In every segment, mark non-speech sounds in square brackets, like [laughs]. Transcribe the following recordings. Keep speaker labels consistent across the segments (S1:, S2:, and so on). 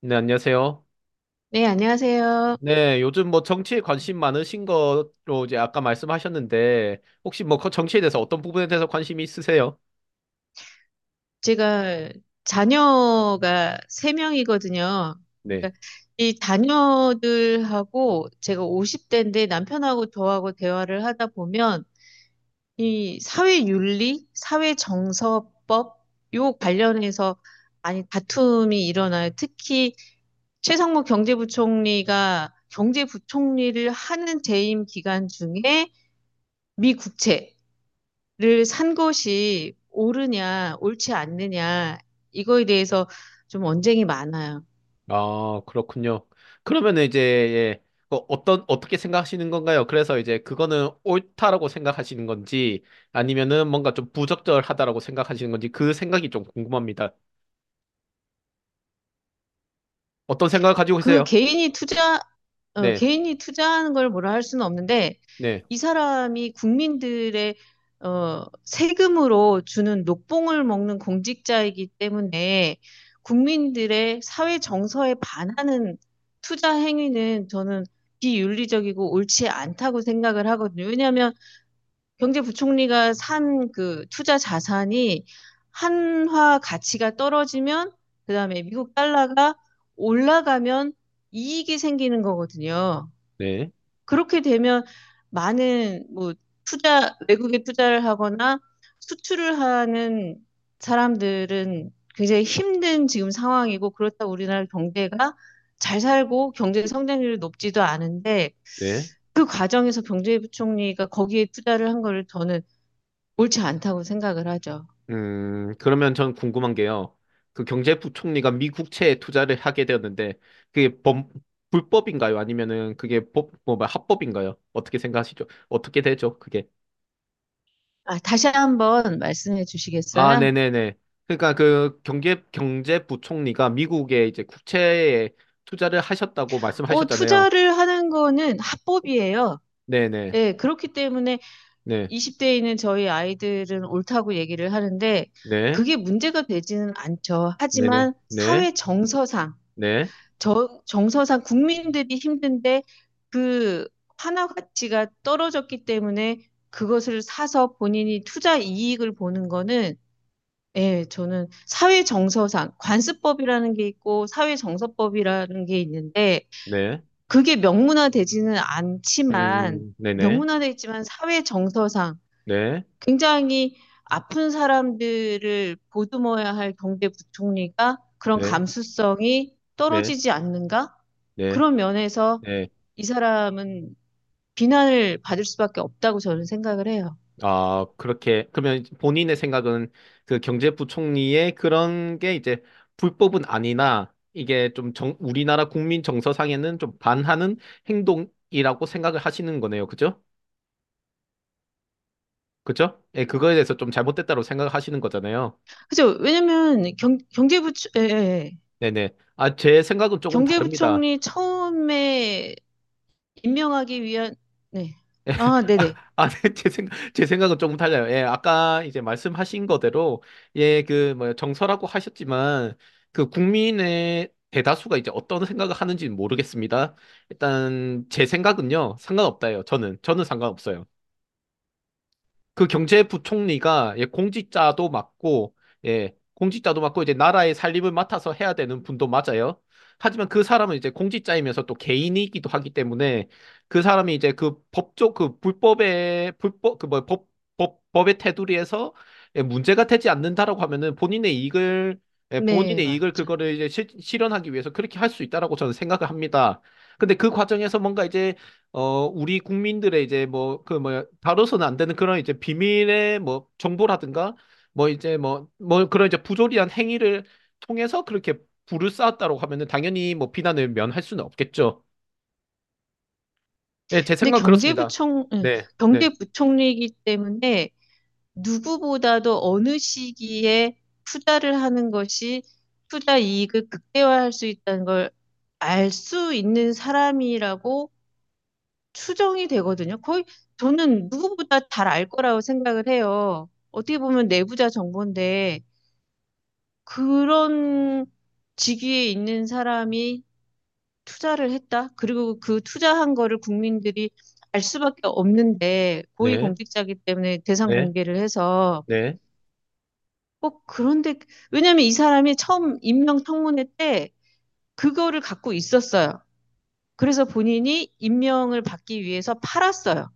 S1: 네, 안녕하세요.
S2: 네, 안녕하세요.
S1: 네, 요즘 뭐 정치에 관심 많으신 거로 이제 아까 말씀하셨는데, 혹시 뭐 그 정치에 대해서 어떤 부분에 대해서 관심이 있으세요?
S2: 제가 자녀가 세명이거든요.
S1: 네.
S2: 그러니까 이 자녀들하고 제가 50대인데 남편하고 저하고 대화를 하다 보면 이 사회윤리, 사회정서법, 요 관련해서 많이 다툼이 일어나요. 특히 최상무 경제부총리가 경제부총리를 하는 재임 기간 중에 미 국채 를 산 것이 옳으냐, 옳지 않느냐, 이거에 대해서 좀 언쟁이 많아요.
S1: 아, 그렇군요. 그러면 이제, 예, 어떻게 생각하시는 건가요? 그래서 이제 그거는 옳다라고 생각하시는 건지, 아니면은 뭔가 좀 부적절하다라고 생각하시는 건지, 그 생각이 좀 궁금합니다. 어떤 생각을 가지고
S2: 그
S1: 계세요? 네,
S2: 개인이 투자하는 걸 뭐라 할 수는 없는데,
S1: 네,
S2: 이 사람이 국민들의 세금으로 주는 녹봉을 먹는 공직자이기 때문에 국민들의 사회 정서에 반하는 투자 행위는 저는 비윤리적이고 옳지 않다고 생각을 하거든요. 왜냐하면 경제부총리가 산 그 투자 자산이 한화 가치가 떨어지면 그다음에 미국 달러가 올라가면 이익이 생기는 거거든요.
S1: 네,
S2: 그렇게 되면 많은 뭐 투자 외국에 투자를 하거나 수출을 하는 사람들은 굉장히 힘든 지금 상황이고, 그렇다고 우리나라 경제가 잘 살고 경제 성장률이 높지도 않은데
S1: 네.
S2: 그 과정에서 경제부총리가 거기에 투자를 한 거를 저는 옳지 않다고 생각을 하죠.
S1: 그러면 전 궁금한 게요. 그 경제부총리가 미국채에 투자를 하게 되었는데, 그게 범, 불법인가요? 아니면은 그게 법, 뭐 합법인가요? 어떻게 생각하시죠? 어떻게 되죠? 그게.
S2: 아, 다시 한번 말씀해
S1: 아,
S2: 주시겠어요?
S1: 네네네. 그러니까 그 경제부총리가 미국의 이제 국채에 투자를 하셨다고 말씀하셨잖아요.
S2: 투자를 하는 거는 합법이에요.
S1: 네네.
S2: 예, 그렇기 때문에
S1: 네.
S2: 20대에 있는 저희 아이들은 옳다고 얘기를 하는데
S1: 네.
S2: 그게 문제가 되지는 않죠.
S1: 네네.
S2: 하지만
S1: 네.
S2: 사회 정서상,
S1: 네.
S2: 정서상 국민들이 힘든데 그 환화 가치가 떨어졌기 때문에 그것을 사서 본인이 투자 이익을 보는 거는, 예, 저는 사회 정서상 관습법이라는 게 있고 사회 정서법이라는 게 있는데
S1: 네.
S2: 그게 명문화되지는 않지만
S1: 네네.
S2: 명문화돼 있지만 사회 정서상
S1: 네.
S2: 굉장히 아픈 사람들을 보듬어야 할 경제 부총리가 그런
S1: 네.
S2: 감수성이
S1: 네.
S2: 떨어지지 않는가?
S1: 네.
S2: 그런 면에서
S1: 네.
S2: 이 사람은 비난을 받을 수밖에 없다고 저는 생각을 해요.
S1: 그러면 이제 본인의 생각은 그 경제부총리의 그런 게 이제 불법은 아니나 이게 좀 우리나라 국민 정서상에는 좀 반하는 행동이라고 생각을 하시는 거네요. 그죠? 그죠? 예, 그거에 대해서 좀 잘못됐다고 생각하시는 거잖아요.
S2: 그죠? 왜냐면 예, 예. 예.
S1: 네네. 아, 제 생각은 조금 다릅니다.
S2: 경제부총리 처음에 임명하기 위한, 네. 아,
S1: [laughs]
S2: 네네.
S1: 네, 제 생각은 조금 달라요. 예, 아까 이제 말씀하신 거대로, 예, 그, 뭐, 정서라고 하셨지만, 그 국민의 대다수가 이제 어떤 생각을 하는지는 모르겠습니다. 일단, 제 생각은요, 상관없다예요. 저는 상관없어요. 그 경제부총리가 예, 공직자도 맞고 이제 나라의 살림을 맡아서 해야 되는 분도 맞아요. 하지만 그 사람은 이제 공직자이면서 또 개인이기도 하기 때문에 그 사람이 이제 그 법조 그 불법의 불법 그 뭐 법법 법의 테두리에서 예, 문제가 되지 않는다라고 하면은
S2: 네,
S1: 본인의 이익을
S2: 맞죠.
S1: 그거를 이제 실현하기 위해서 그렇게 할 수 있다라고 저는 생각을 합니다. 근데 그 과정에서 뭔가 이제 우리 국민들의 이제 뭐, 그 뭐야, 다뤄서는 안 되는 그런 이제 비밀의 뭐, 정보라든가, 뭐 이제 뭐 그런 이제 부조리한 행위를 통해서 그렇게 부를 쌓았다고 하면은 당연히 뭐 비난을 면할 수는 없겠죠. 예, 제
S2: 근데
S1: 생각은 그렇습니다.
S2: 예,
S1: 네, 네,
S2: 경제부총리이기 때문에 누구보다도 어느 시기에 투자를 하는 것이 투자 이익을 극대화할 수 있다는 걸 알 수 있는 사람이라고 추정이 되거든요. 거의 저는 누구보다 잘 알 거라고 생각을 해요. 어떻게 보면 내부자 정보인데 그런 직위에 있는 사람이 투자를 했다. 그리고 그 투자한 거를 국민들이 알 수밖에 없는데
S1: 네,
S2: 고위공직자이기 때문에 대상
S1: 네,
S2: 공개를 해서
S1: 네,
S2: 꼭, 그런데 왜냐면 하이 사람이 처음 임명 청문회 때 그거를 갖고 있었어요. 그래서 본인이 임명을 받기 위해서 팔았어요.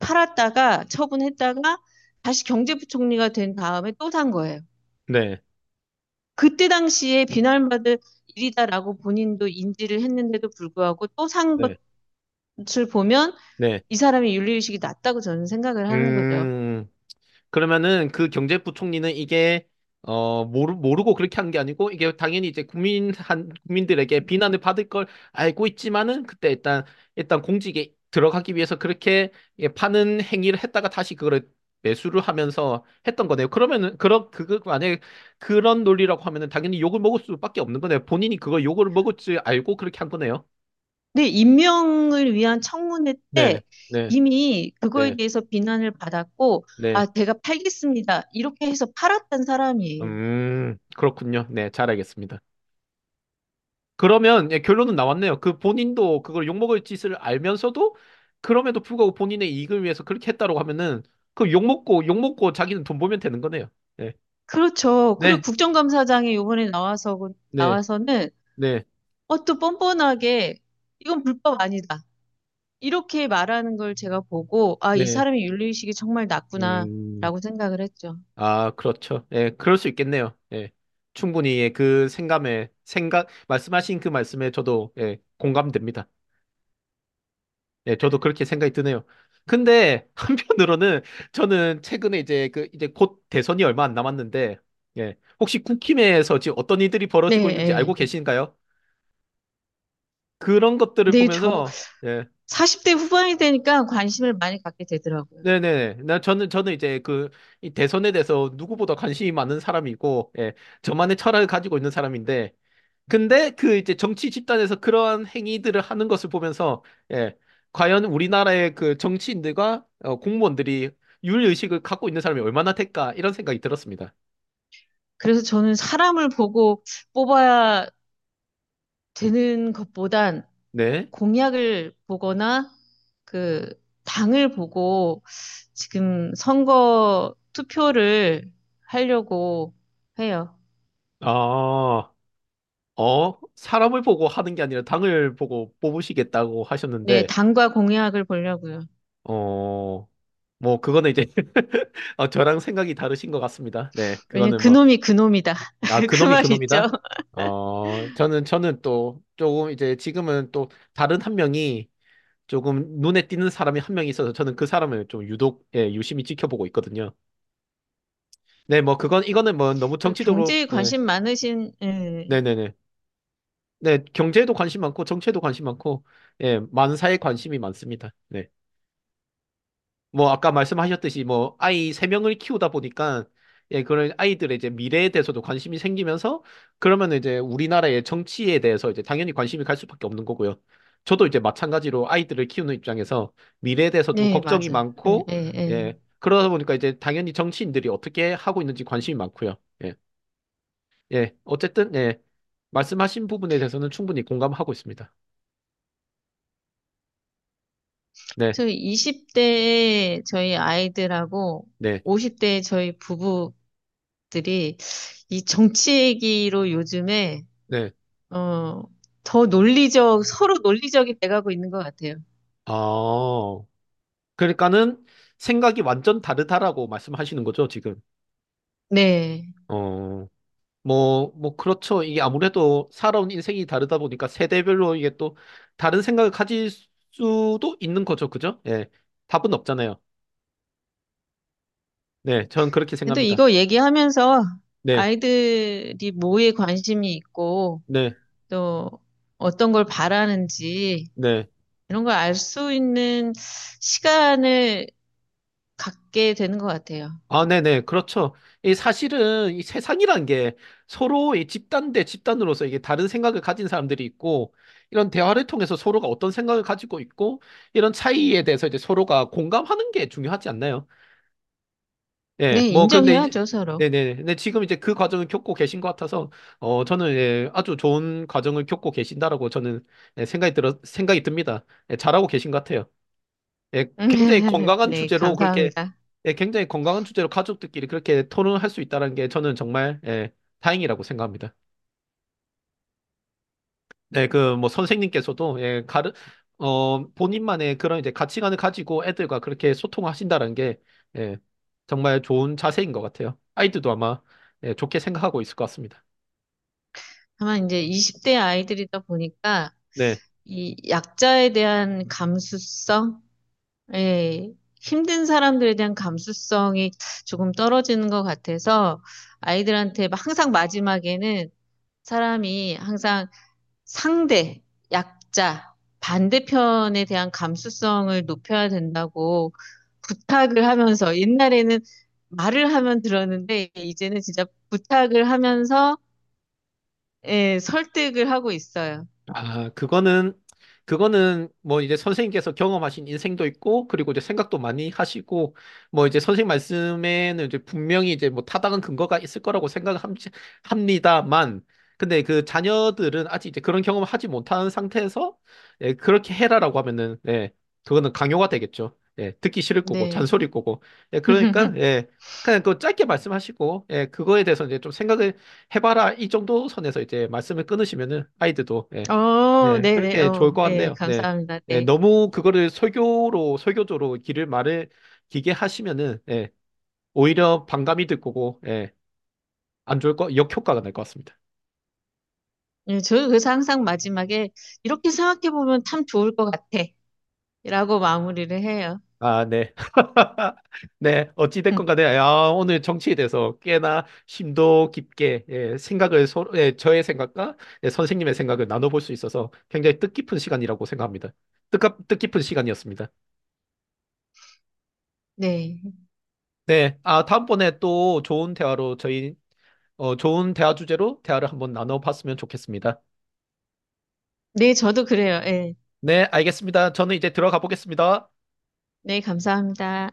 S2: 팔았다가 처분했다가 다시 경제부총리가 된 다음에 또 산 거예요.
S1: 네,
S2: 그때 당시에 비난받을 일이다라고 본인도 인지를 했는데도 불구하고 또 산
S1: 네,
S2: 것을 보면
S1: 네.
S2: 이 사람의 윤리의식이 낮다고 저는 생각을 하는 거죠.
S1: 음. 그러면은 그 경제부총리는 이게 모르고 그렇게 한 게 아니고 이게 당연히 이제 국민들에게 비난을 받을 걸 알고 있지만은 그때 일단 공직에 들어가기 위해서 그렇게 예, 파는 행위를 했다가 다시 그걸 매수를 하면서 했던 거네요. 그러면은 그런 그거 만약에 그런 논리라고 하면은 당연히 욕을 먹을 수밖에 없는 거네요. 본인이 그걸 욕을 먹을 줄 알고 그렇게 한 거네요.
S2: 근데 임명을 위한 청문회
S1: 네,
S2: 때
S1: 네,
S2: 이미 그거에
S1: 네,
S2: 대해서 비난을 받았고,
S1: 네.
S2: 아, 제가 팔겠습니다. 이렇게 해서 팔았던 사람이에요.
S1: 그렇군요. 네, 잘 알겠습니다. 그러면 예, 결론은 나왔네요. 그 본인도 그걸 욕먹을 짓을 알면서도 그럼에도 불구하고 본인의 이익을 위해서 그렇게 했다라고 하면은 그 욕먹고 자기는 돈 벌면 되는 거네요. 네.
S2: 그렇죠. 그리고
S1: 네.
S2: 국정감사장이 이번에 나와서,
S1: 네.
S2: 나와서는
S1: 네.
S2: 또 뻔뻔하게 이건 불법 아니다. 이렇게 말하는 걸 제가 보고, 아, 이
S1: 네.
S2: 사람이 윤리의식이 정말
S1: 음.
S2: 낮구나라고 생각을 했죠.
S1: 아, 그렇죠. 예, 그럴 수 있겠네요. 예. 충분히 예, 그 생감에 생각 말씀하신 그 말씀에 저도 예, 공감됩니다. 예, 저도 그렇게 생각이 드네요. 근데 [laughs] 한편으로는 저는 최근에 이제 곧 대선이 얼마 안 남았는데 예, 혹시 국힘에서 지금 어떤 일들이
S2: 네,
S1: 벌어지고 있는지 알고
S2: 예.
S1: 계신가요? 그런 것들을
S2: 네, 저
S1: 보면서 예,
S2: 40대 후반이 되니까 관심을 많이 갖게 되더라고요.
S1: 네네네. 나 저는 저는 이제 그 이 대선에 대해서 누구보다 관심이 많은 사람이고, 예, 저만의 철학을 가지고 있는 사람인데, 근데 그 이제 정치 집단에서 그러한 행위들을 하는 것을 보면서, 예, 과연 우리나라의 그 정치인들과 공무원들이 윤리의식을 갖고 있는 사람이 얼마나 될까 이런 생각이 들었습니다.
S2: 그래서 저는 사람을 보고 뽑아야 되는 것보단
S1: 네.
S2: 공약을 보거나 그 당을 보고 지금 선거 투표를 하려고 해요.
S1: 아, 사람을 보고 하는 게 아니라 당을 보고 뽑으시겠다고
S2: 네,
S1: 하셨는데,
S2: 당과 공약을 보려고요.
S1: 어. 뭐 그거는 이제 [laughs] 저랑 생각이 다르신 것 같습니다. 네,
S2: 왜냐면
S1: 그거는 뭐,
S2: 그놈이 그놈이다.
S1: 아,
S2: [laughs] 그
S1: 그놈이
S2: 말 있죠.
S1: 그놈이다? 저는 또 조금 이제 지금은 또 다른 한 명이 조금 눈에 띄는 사람이 한 명 있어서 저는 그 사람을 좀 유독, 예, 유심히 지켜보고 있거든요. 네, 이거는 뭐 너무
S2: 또
S1: 정치적으로,
S2: 경제에
S1: 예,
S2: 관심 많으신, 예.
S1: 네네네. 네, 네, 네, 경제에도 관심 많고, 정치에도 관심 많고, 예, 많은 사에 관심이 많습니다. 네. 뭐 아까 말씀하셨듯이 뭐 아이 세 명을 키우다 보니까 예 그런 아이들의 이제 미래에 대해서도 관심이 생기면서 그러면 이제 우리나라의 정치에 대해서 이제 당연히 관심이 갈 수밖에 없는 거고요. 저도 이제 마찬가지로 아이들을 키우는 입장에서 미래에 대해서 좀
S2: 네,
S1: 걱정이
S2: 맞아. 예,
S1: 많고
S2: 예,
S1: 예
S2: 예.
S1: 그러다 보니까 이제 당연히 정치인들이 어떻게 하고 있는지 관심이 많고요. 예. 예. 어쨌든 예. 말씀하신 부분에 대해서는 충분히 공감하고 있습니다. 네.
S2: 저희 20대에 저희 아이들하고
S1: 네.
S2: 50대에 저희 부부들이 이 정치 얘기로 요즘에,
S1: 네.
S2: 어, 더 서로 논리적이 돼가고 있는 것 같아요.
S1: 아. 그러니까는 생각이 완전 다르다라고 말씀하시는 거죠, 지금.
S2: 네.
S1: 어, 뭐, 그렇죠. 이게 아무래도 살아온 인생이 다르다 보니까 세대별로 이게 또 다른 생각을 가질 수도 있는 거죠, 그죠? 예. 답은 없잖아요. 네, 저는 그렇게
S2: 근데
S1: 생각합니다.
S2: 이거 얘기하면서
S1: 네,
S2: 아이들이 뭐에 관심이 있고
S1: 네,
S2: 또 어떤 걸 바라는지
S1: 네.
S2: 이런 걸 알 수 있는 시간을 갖게 되는 것 같아요.
S1: 아, 네네. 그렇죠. 이 사실은 이 세상이란 게 서로 이 집단 대 집단으로서 이게 다른 생각을 가진 사람들이 있고, 이런 대화를 통해서 서로가 어떤 생각을 가지고 있고, 이런 차이에 대해서 이제 서로가 공감하는 게 중요하지 않나요? 예,
S2: 네,
S1: 뭐, 근데 이제,
S2: 인정해야죠, 서로.
S1: 네네. 근데 지금 이제 그 과정을 겪고 계신 것 같아서, 어, 저는 예, 아주 좋은 과정을 겪고 계신다라고 저는 예, 생각이 듭니다. 예, 잘하고 계신 것 같아요. 예, 굉장히
S2: [laughs]
S1: 건강한
S2: 네,
S1: 주제로 그렇게
S2: 감사합니다.
S1: 예, 굉장히 건강한 주제로 가족들끼리 그렇게 토론을 할 수 있다는 게 저는 정말 예, 다행이라고 생각합니다. 네, 그 뭐 선생님께서도 예, 가르 어 본인만의 그런 이제 가치관을 가지고 애들과 그렇게 소통하신다는 게 예, 정말 좋은 자세인 것 같아요. 아이들도 아마 예, 좋게 생각하고 있을 것 같습니다.
S2: 다만 이제 20대 아이들이다 보니까
S1: 네.
S2: 이 약자에 대한 감수성, 예, 힘든 사람들에 대한 감수성이 조금 떨어지는 것 같아서 아이들한테 막 항상 마지막에는 사람이 항상 상대, 약자, 반대편에 대한 감수성을 높여야 된다고 부탁을 하면서 옛날에는 말을 하면 들었는데 이제는 진짜 부탁을 하면서 예, 설득을 하고 있어요.
S1: 아, 그거는 뭐 이제 선생님께서 경험하신 인생도 있고, 그리고 이제 생각도 많이 하시고, 뭐 이제 선생님 말씀에는 이제 분명히 이제 뭐 타당한 근거가 있을 거라고 생각합니다만, 근데 그 자녀들은 아직 이제 그런 경험을 하지 못한 상태에서, 예, 그렇게 해라라고 하면은, 예, 그거는 강요가 되겠죠. 예, 듣기 싫을 거고,
S2: 네.
S1: 잔소리일 거고. 예, 그러니까,
S2: [laughs]
S1: 예, 그냥 그 짧게 말씀하시고, 예, 그거에 대해서 이제 좀 생각을 해봐라. 이 정도 선에서 이제 말씀을 끊으시면은 아이들도, 예,
S2: 어,
S1: 네,
S2: 네네.
S1: 그렇게 좋을
S2: 어,
S1: 것
S2: 예,
S1: 같네요. 네.
S2: 감사합니다.
S1: 네,
S2: 네.
S1: 너무 그거를 설교조로 길을 말을 기게 하시면은, 예, 오히려 반감이 들 거고, 예, 안 좋을 거, 역효과가 날 것 같습니다.
S2: 예, 저는 그래서 항상 마지막에 이렇게 생각해보면 참 좋을 것 같아. 라고 마무리를 해요.
S1: 아, 네. [laughs] 네, 어찌됐건 간에,
S2: [laughs]
S1: 야, 오늘 정치에 대해서 꽤나 심도 깊게, 예, 생각을, 서 예, 저의 생각과 예, 선생님의 생각을 나눠볼 수 있어서 굉장히 뜻깊은 시간이라고 생각합니다. 뜻깊은 시간이었습니다.
S2: 네.
S1: 네, 아, 다음번에 또 좋은 대화 주제로 대화를 한번 나눠봤으면 좋겠습니다.
S2: 네, 저도 그래요. 예.
S1: 네, 알겠습니다. 저는 이제 들어가 보겠습니다.
S2: 네, 감사합니다.